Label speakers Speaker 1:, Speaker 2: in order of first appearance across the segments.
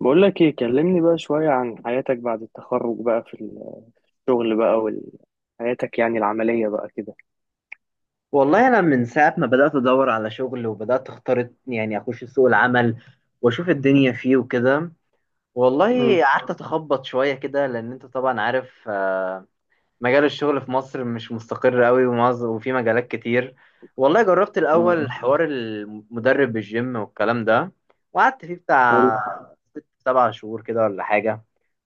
Speaker 1: بقول لك ايه، كلمني بقى شوية عن حياتك بعد التخرج بقى في الشغل بقى وحياتك يعني العملية بقى كده.
Speaker 2: والله انا من ساعه ما بدات ادور على شغل وبدات اختار، يعني اخش سوق العمل واشوف الدنيا فيه وكده.
Speaker 1: مم.
Speaker 2: والله قعدت اتخبط شويه كده لان انت طبعا عارف. مجال الشغل في مصر مش مستقر قوي، وفي مجالات كتير. والله جربت
Speaker 1: مم.
Speaker 2: الاول حوار المدرب بالجيم والكلام ده، وقعدت فيه
Speaker 1: حلو.
Speaker 2: بتاع 6 7 شهور كده ولا حاجه،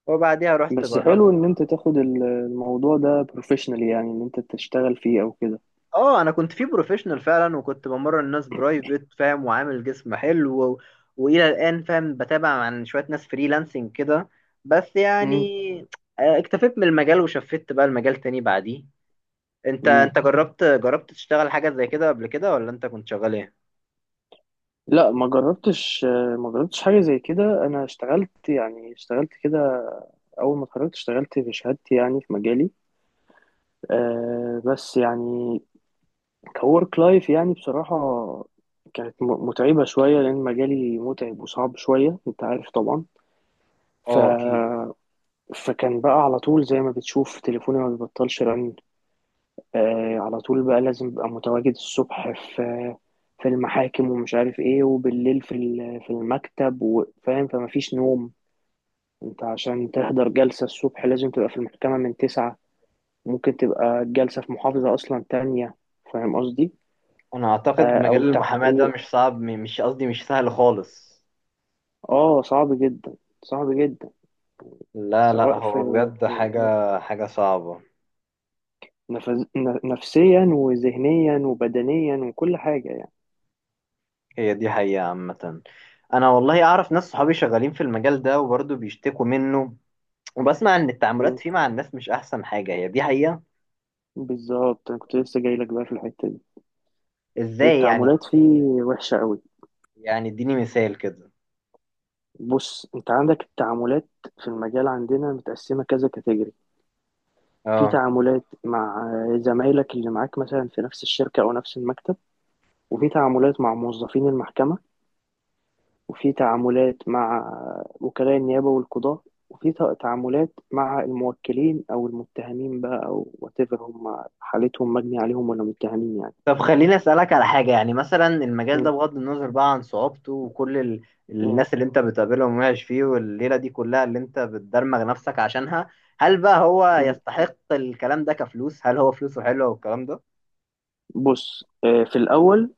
Speaker 2: وبعديها رحت
Speaker 1: بس
Speaker 2: جربت.
Speaker 1: حلو ان انت تاخد الموضوع ده بروفيشنال، يعني ان انت تشتغل فيه او كده.
Speaker 2: اه انا كنت في بروفيشنال فعلا، وكنت بمرن الناس برايفت، فاهم، وعامل جسم حلو والى الان، فاهم، بتابع عن شويه ناس فريلانسنج كده، بس يعني
Speaker 1: امم.
Speaker 2: اكتفيت من المجال وشفت بقى المجال تاني بعديه. انت
Speaker 1: امم.
Speaker 2: انت جربت تشتغل حاجه زي كده قبل كده، ولا انت كنت شغال ايه؟
Speaker 1: لا، ما جربتش. ما جربتش حاجة زي كده. انا اشتغلت، يعني اشتغلت كده اول ما اتخرجت، اشتغلت في شهادتي يعني في مجالي. أه، بس يعني كورك لايف يعني بصراحة كانت متعبة شوية، لأن مجالي متعب وصعب شوية، أنت عارف طبعا. ف...
Speaker 2: اه اكيد.
Speaker 1: فكان بقى على طول زي ما بتشوف تليفوني ما بيبطلش رن. آه، على طول بقى لازم أبقى متواجد الصبح في في المحاكم ومش عارف إيه، وبالليل في في المكتب، وفاهم فما فيش نوم. أنت عشان تحضر جلسة الصبح لازم تبقى في المحكمة من تسعة. ممكن تبقى الجلسة في محافظة أصلا تانية. فاهم قصدي؟
Speaker 2: انا اعتقد مجال
Speaker 1: أو
Speaker 2: المحاماه ده مش
Speaker 1: تحقيق.
Speaker 2: صعب، مش قصدي، مش سهل خالص.
Speaker 1: اه صعب جدا. صعب جدا.
Speaker 2: لا لا،
Speaker 1: سواء
Speaker 2: هو
Speaker 1: في،
Speaker 2: بجد
Speaker 1: في
Speaker 2: حاجه حاجه صعبه.
Speaker 1: نفس... ن- نفسيا وذهنيا وبدنيا وكل حاجة يعني.
Speaker 2: هي دي حقيقة عامة. أنا والله أعرف ناس صحابي شغالين في المجال ده وبرضه بيشتكوا منه. وبسمع إن التعاملات
Speaker 1: مم.
Speaker 2: فيه مع الناس مش أحسن حاجة. هي دي حقيقة.
Speaker 1: بالظبط، انا كنت لسه جاي لك بقى في الحتة دي.
Speaker 2: إزاي يعني؟
Speaker 1: التعاملات فيه وحشة قوي.
Speaker 2: يعني إديني مثال كده.
Speaker 1: بص، انت عندك التعاملات في المجال عندنا متقسمة كذا كاتيجوري. في
Speaker 2: أه.
Speaker 1: تعاملات مع زمايلك اللي معاك مثلا في نفس الشركة او نفس المكتب، وفي تعاملات مع موظفين المحكمة، وفي تعاملات مع وكلاء النيابة والقضاء، وفي تعاملات مع الموكلين أو المتهمين بقى، أو whatever هم حالتهم مجني عليهم ولا متهمين يعني.
Speaker 2: طب خليني أسألك على حاجة، يعني مثلا المجال ده
Speaker 1: م-
Speaker 2: بغض النظر بقى عن صعوبته وكل
Speaker 1: م-
Speaker 2: الناس اللي أنت بتقابلهم وعايش فيه والليلة دي كلها اللي أنت بتدرمغ نفسك عشانها، هل بقى هو
Speaker 1: م.
Speaker 2: يستحق الكلام ده كفلوس؟ هل هو فلوسه حلوة والكلام ده؟
Speaker 1: بص، في الأول،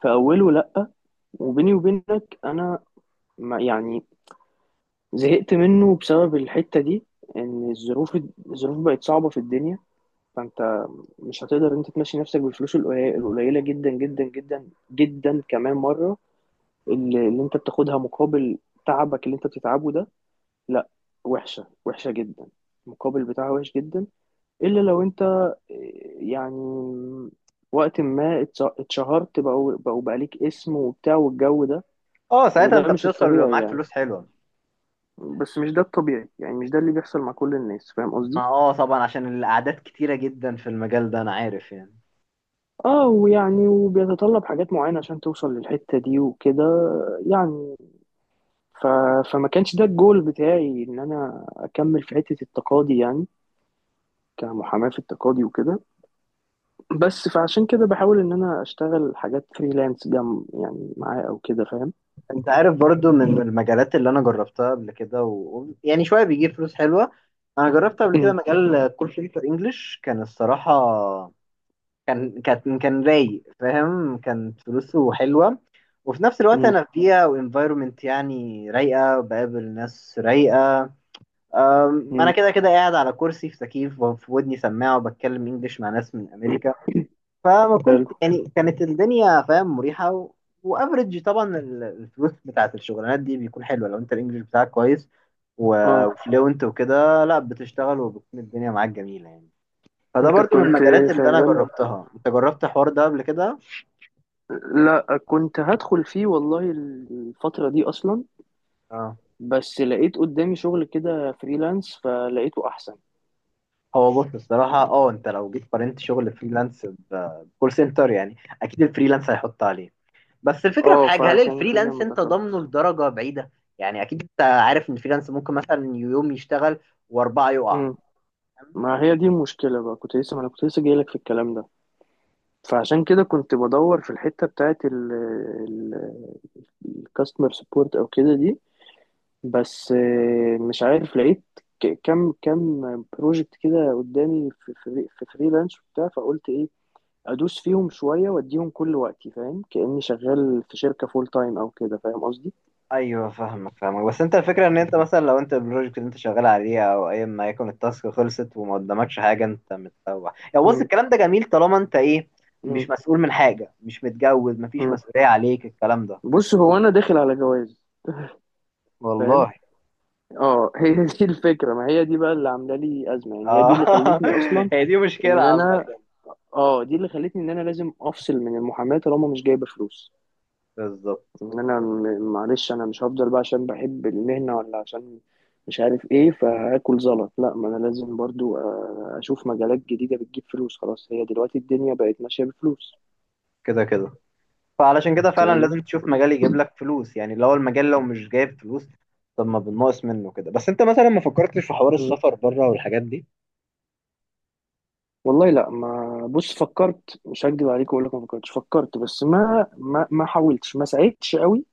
Speaker 1: في أوله لأ. وبيني وبينك أنا، ما يعني، زهقت منه بسبب الحتة دي. إن الظروف، الظروف بقت صعبة في الدنيا. فأنت مش هتقدر أنت تمشي نفسك بالفلوس القليلة القليلة جدا جدا جدا جدا، كمان مرة، اللي انت بتاخدها مقابل تعبك اللي انت بتتعبه ده. لا، وحشة، وحشة جدا. المقابل بتاعها وحش جدا. الا لو انت يعني وقت ما اتشهرت، بقوا بقى ليك اسم وبتاع والجو ده.
Speaker 2: أه ساعتها
Speaker 1: وده
Speaker 2: أنت
Speaker 1: مش
Speaker 2: بتوصل ويبقى
Speaker 1: الطبيعي
Speaker 2: معاك
Speaker 1: يعني.
Speaker 2: فلوس حلوة.
Speaker 1: بس مش ده الطبيعي يعني، مش ده اللي بيحصل مع كل الناس، فاهم
Speaker 2: ما
Speaker 1: قصدي.
Speaker 2: اه طبعا، عشان الاعداد كتيرة جدا في المجال ده، انا عارف يعني.
Speaker 1: اه، ويعني وبيتطلب حاجات معينة عشان توصل للحتة دي وكده يعني. ف... فما كانش ده الجول بتاعي ان انا اكمل في حتة التقاضي، يعني كمحاماة في التقاضي وكده. بس فعشان كده بحاول ان انا اشتغل حاجات فريلانس جنب يعني معاه او كده فاهم.
Speaker 2: انت عارف برضو من المجالات اللي انا جربتها قبل كده يعني شوية بيجيب فلوس حلوة. انا جربت قبل كده
Speaker 1: مم.
Speaker 2: مجال كول سنتر انجلش، كان الصراحة كان رايق، فاهم، كانت فلوسه حلوة. وفي نفس الوقت
Speaker 1: مم.
Speaker 2: انا في بيئة وانفايرومنت يعني رايقة، بقابل ناس رايقة. انا
Speaker 1: مم.
Speaker 2: كده كده قاعد على كرسي في تكييف وفي ودني سماعة، وبتكلم انجلش مع ناس من امريكا. فما
Speaker 1: حلو.
Speaker 2: كنت يعني كانت الدنيا، فاهم، مريحة وافرج طبعا الفلوس بتاعت الشغلانات دي بيكون حلوة لو انت الانجليش بتاعك كويس
Speaker 1: اه،
Speaker 2: وفلوينت وكده، لا بتشتغل وبتكون الدنيا معاك جميلة يعني. فده
Speaker 1: انت
Speaker 2: برضو من
Speaker 1: كنت
Speaker 2: المجالات اللي انا
Speaker 1: شغال.
Speaker 2: جربتها. انت جربت الحوار ده قبل كده؟
Speaker 1: لا، كنت هدخل فيه والله الفترة دي اصلا.
Speaker 2: اه.
Speaker 1: بس لقيت قدامي شغل كده فريلانس فلقيته احسن.
Speaker 2: هو بص الصراحة، اه، انت لو جيت قارنت شغل فريلانس بكول سنتر يعني، اكيد الفريلانس هيحط عليه. بس الفكرة في
Speaker 1: اه،
Speaker 2: حاجة، هل
Speaker 1: فعشان كده
Speaker 2: الفريلانس
Speaker 1: ما
Speaker 2: انت ضامنه
Speaker 1: دخلتش.
Speaker 2: لدرجة بعيدة؟ يعني اكيد انت عارف ان الفريلانس ممكن مثلا يوم يشتغل واربعة يقع.
Speaker 1: مم. ما هي دي المشكلة بقى، كنت لسه، ما انا كنت لسه جايلك في الكلام ده. فعشان كده كنت بدور في الحتة بتاعت الكاستمر سبورت او كده دي. بس مش عارف، لقيت كم بروجكت كده قدامي في في فريلانس وبتاع، فقلت ايه، ادوس فيهم شويه واديهم كل وقتي، فاهم، كاني شغال في شركه فول تايم او كده، فاهم قصدي.
Speaker 2: ايوه فاهمك فاهمك، بس انت الفكره ان انت مثلا لو انت البروجكت اللي انت شغال عليه او اي ما يكون التاسك خلصت وما قدامكش حاجه، انت متسوح يعني. بص
Speaker 1: مم.
Speaker 2: الكلام ده جميل طالما انت ايه، مش
Speaker 1: مم.
Speaker 2: مسؤول من حاجه، مش متجوز، مفيش
Speaker 1: مم.
Speaker 2: مسؤوليه عليك الكلام ده.
Speaker 1: بص، هو انا داخل على جواز، فاهم.
Speaker 2: والله.
Speaker 1: اه هي دي الفكره، ما هي دي بقى اللي عامله لي ازمه يعني، هي دي
Speaker 2: اه
Speaker 1: اللي خلتني اصلا
Speaker 2: هي دي مشكله
Speaker 1: ان
Speaker 2: عامه.
Speaker 1: انا، اه دي اللي خلتني ان انا لازم افصل من المحاماه طالما مش جايبه فلوس.
Speaker 2: بالظبط.
Speaker 1: ان انا معلش، انا مش هفضل بقى عشان بحب المهنة، ولا عشان مش عارف ايه، فهاكل زلط. لا، ما انا لازم برضو اشوف مجالات جديدة بتجيب فلوس، خلاص، هي دلوقتي الدنيا بقت ماشية بفلوس.
Speaker 2: كده كده. فعلشان كده فعلا
Speaker 1: فاهمني.
Speaker 2: لازم تشوف مجال يجيب لك فلوس، يعني لو المجال لو مش جايب فلوس، طب ما بنقص منه كده. بس انت مثلا ما فكرتش في حوار
Speaker 1: مم.
Speaker 2: السفر بره والحاجات دي؟
Speaker 1: والله لا، ما بص فكرت، مش هكدب عليك واقول لك ما فكرتش، فكرت، بس ما ما حاولتش، ما سعيتش قوي.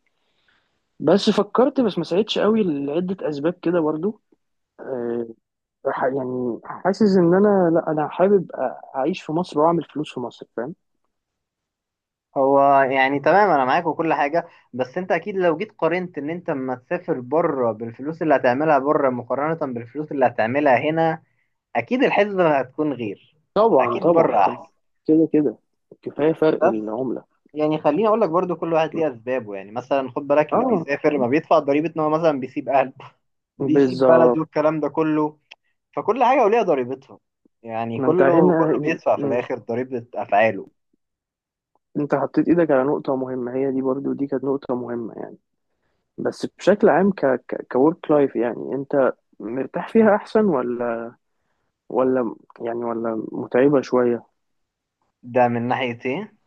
Speaker 1: بس فكرت، بس ما سعيتش قوي لعدة اسباب كده برضو. آه، يعني حاسس ان انا، لا انا حابب اعيش في مصر واعمل فلوس في مصر فاهم.
Speaker 2: هو يعني تمام، انا معاك وكل حاجه، بس انت اكيد لو جيت قارنت ان انت اما تسافر بره بالفلوس اللي هتعملها بره مقارنه بالفلوس اللي هتعملها هنا، اكيد الحسبه هتكون غير.
Speaker 1: طبعا
Speaker 2: اكيد
Speaker 1: طبعا
Speaker 2: بره
Speaker 1: طبعا.
Speaker 2: احسن.
Speaker 1: كده كده. كفاية فرق
Speaker 2: بس
Speaker 1: العملة.
Speaker 2: يعني خليني اقول لك برضو، كل واحد ليه اسبابه. يعني مثلا خد بالك اللي
Speaker 1: اه.
Speaker 2: بيسافر ما بيدفع ضريبه ان هو مثلا بيسيب اهله، بيسيب بلده
Speaker 1: بالظبط.
Speaker 2: والكلام ده كله. فكل حاجة وليها ضريبتها. يعني
Speaker 1: ما انت
Speaker 2: كله
Speaker 1: هنا،
Speaker 2: كله بيدفع في
Speaker 1: م-
Speaker 2: الآخر ضريبة أفعاله.
Speaker 1: انت حطيت ايدك على نقطة مهمة، هي دي برضو دي كانت نقطة مهمة يعني. بس بشكل عام، ك كورك لايف يعني، انت مرتاح فيها احسن، ولا ولا يعني، ولا متعبة شوية؟
Speaker 2: ده من ناحية إيه؟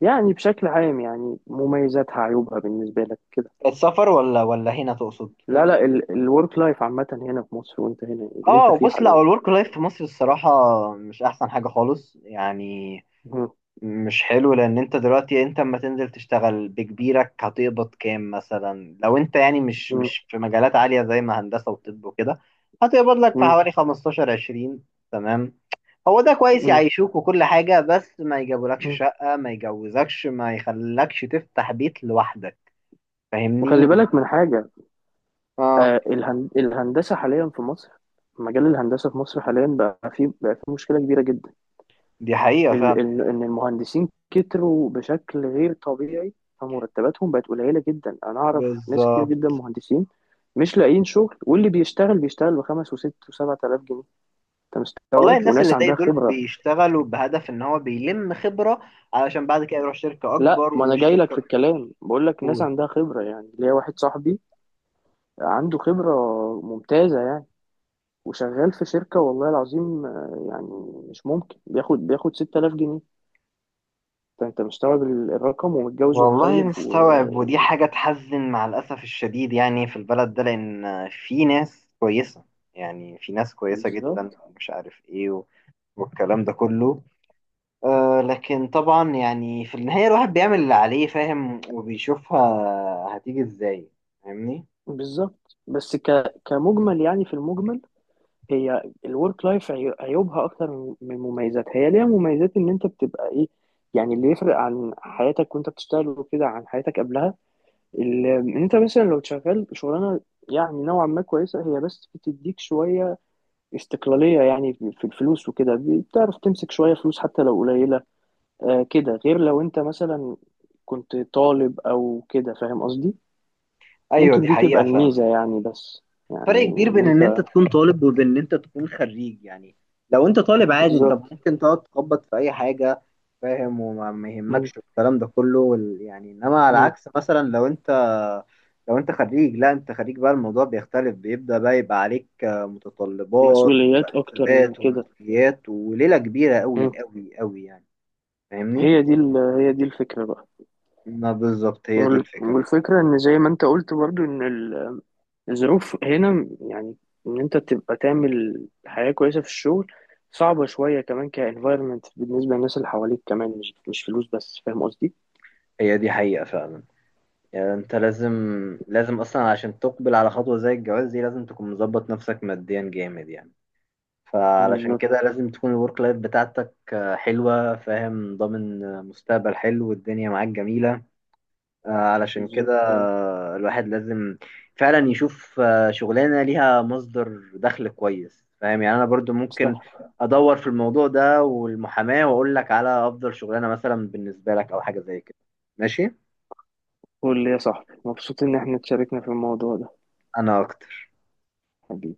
Speaker 1: يعني بشكل عام يعني مميزاتها عيوبها بالنسبة لك كده.
Speaker 2: السفر ولا هنا تقصد؟
Speaker 1: لا لا، الورك لايف عامة هنا في مصر، وانت هنا اللي انت
Speaker 2: آه
Speaker 1: فيه
Speaker 2: بص، لا
Speaker 1: حاليا.
Speaker 2: هو الورك لايف في مصر الصراحة مش أحسن حاجة خالص يعني.
Speaker 1: م-
Speaker 2: مش حلو لأن أنت دلوقتي، أنت أما تنزل تشتغل بكبيرك هتقبض كام؟ مثلا لو أنت، يعني، مش
Speaker 1: م-
Speaker 2: مش في مجالات عالية زي ما هندسة وطب وكده، هتقبض لك في حوالي 15 20، تمام. هو ده كويس
Speaker 1: م-
Speaker 2: يعيشوك وكل حاجة، بس ما يجابولكش
Speaker 1: م.
Speaker 2: شقة، ما يجوزكش، ما يخلكش تفتح بيت لوحدك.
Speaker 1: وخلي
Speaker 2: فاهمني.
Speaker 1: بالك من حاجة.
Speaker 2: اه
Speaker 1: الهندسة حاليا في مصر، مجال الهندسة في مصر حاليا بقى فيه بقى فيه مشكلة كبيرة جدا.
Speaker 2: دي حقيقة فعلا.
Speaker 1: ال إن المهندسين كتروا بشكل غير طبيعي، فمرتباتهم بقت قليلة جدا. أنا أعرف ناس كتير
Speaker 2: بالظبط.
Speaker 1: جدا مهندسين مش لاقيين شغل، واللي بيشتغل بيشتغل بخمس وست وسبعة آلاف جنيه. أنت
Speaker 2: والله
Speaker 1: مستوعب؟
Speaker 2: الناس
Speaker 1: وناس
Speaker 2: اللي زي
Speaker 1: عندها
Speaker 2: دول
Speaker 1: خبرة.
Speaker 2: بيشتغلوا بهدف ان هو بيلم خبرة، علشان بعد كده يروح شركة
Speaker 1: لا،
Speaker 2: اكبر
Speaker 1: ما أنا
Speaker 2: ومش
Speaker 1: جاي لك في
Speaker 2: شركة
Speaker 1: الكلام، بقول لك ناس
Speaker 2: الاول.
Speaker 1: عندها خبرة، يعني ليا واحد صاحبي عنده خبرة ممتازة يعني، وشغال في شركة والله العظيم يعني مش ممكن بياخد 6000 جنيه. انت انت مستوعب الرقم، ومتجوز
Speaker 2: والله
Speaker 1: ومخلف
Speaker 2: مستوعب، ودي
Speaker 1: و...
Speaker 2: حاجة تحزن مع الأسف الشديد يعني في البلد ده، لأن في ناس كويسة، يعني في ناس كويسة جدا،
Speaker 1: بالظبط.
Speaker 2: مش عارف ايه والكلام ده كله. آه لكن طبعا يعني في النهاية الواحد بيعمل اللي عليه، فاهم، وبيشوفها هتيجي ازاي. فاهمني.
Speaker 1: بالظبط. بس كمجمل يعني، في المجمل هي الورك لايف عيوبها اكتر من من مميزاتها. هي ليها مميزات ان انت بتبقى ايه، يعني اللي يفرق عن حياتك وانت بتشتغل وكده عن حياتك قبلها. ان انت مثلا لو شغال شغلانه يعني نوعا ما كويسه هي، بس بتديك شويه استقلالية يعني في الفلوس وكده، بتعرف تمسك شوية فلوس حتى لو قليلة. آه كده غير لو انت مثلا كنت طالب او كده، فاهم قصدي.
Speaker 2: ايوه
Speaker 1: ممكن
Speaker 2: دي
Speaker 1: دي تبقى
Speaker 2: حقيقة فعلا.
Speaker 1: الميزة يعني. بس يعني
Speaker 2: فرق كبير
Speaker 1: ان
Speaker 2: بين ان انت
Speaker 1: انت،
Speaker 2: تكون طالب وبين ان انت تكون خريج يعني. لو انت طالب عادي انت
Speaker 1: بالظبط.
Speaker 2: ممكن تقعد تخبط في اي حاجة، فاهم، وما ما
Speaker 1: م-
Speaker 2: يهمكش الكلام ده كله يعني، انما على
Speaker 1: م.
Speaker 2: عكس مثلا لو انت، لو انت خريج، لا انت خريج بقى الموضوع بيختلف، بيبدأ بقى يبقى عليك متطلبات
Speaker 1: مسؤوليات اكتر
Speaker 2: وحسابات
Speaker 1: وكده.
Speaker 2: ومسؤوليات وليلة كبيرة
Speaker 1: م.
Speaker 2: قوي قوي قوي يعني. فاهمني؟
Speaker 1: هي دي هي دي الفكرة بقى.
Speaker 2: ما بالظبط هي دي الفكرة.
Speaker 1: والفكرة ان زي ما انت قلت برضو ان الظروف هنا يعني، ان انت تبقى تعمل حياة كويسة في الشغل صعبة شوية، كمان كانفايرمنت بالنسبة للناس اللي حواليك كمان، مش مش فلوس بس، فاهم قصدي؟
Speaker 2: هي دي حقيقة فعلا. يعني انت لازم، لازم اصلا عشان تقبل على خطوة زي الجواز دي لازم تكون مظبط نفسك ماديا جامد يعني. فعلشان
Speaker 1: بالظبط.
Speaker 2: كده لازم تكون الورك لايف بتاعتك حلوة، فاهم، ضامن مستقبل حلو والدنيا معاك جميلة. علشان
Speaker 1: بالظبط.
Speaker 2: كده الواحد لازم فعلا يشوف شغلانة ليها مصدر دخل كويس، فاهم. يعني انا برضو ممكن
Speaker 1: صح.
Speaker 2: ادور في الموضوع ده والمحاماة واقول لك على افضل شغلانة مثلا بالنسبة لك او حاجة زي كده. ماشي.
Speaker 1: قول لي يا صاحبي، مبسوط ان احنا اتشاركنا في الموضوع ده.
Speaker 2: انا اكتر.
Speaker 1: حبيبي.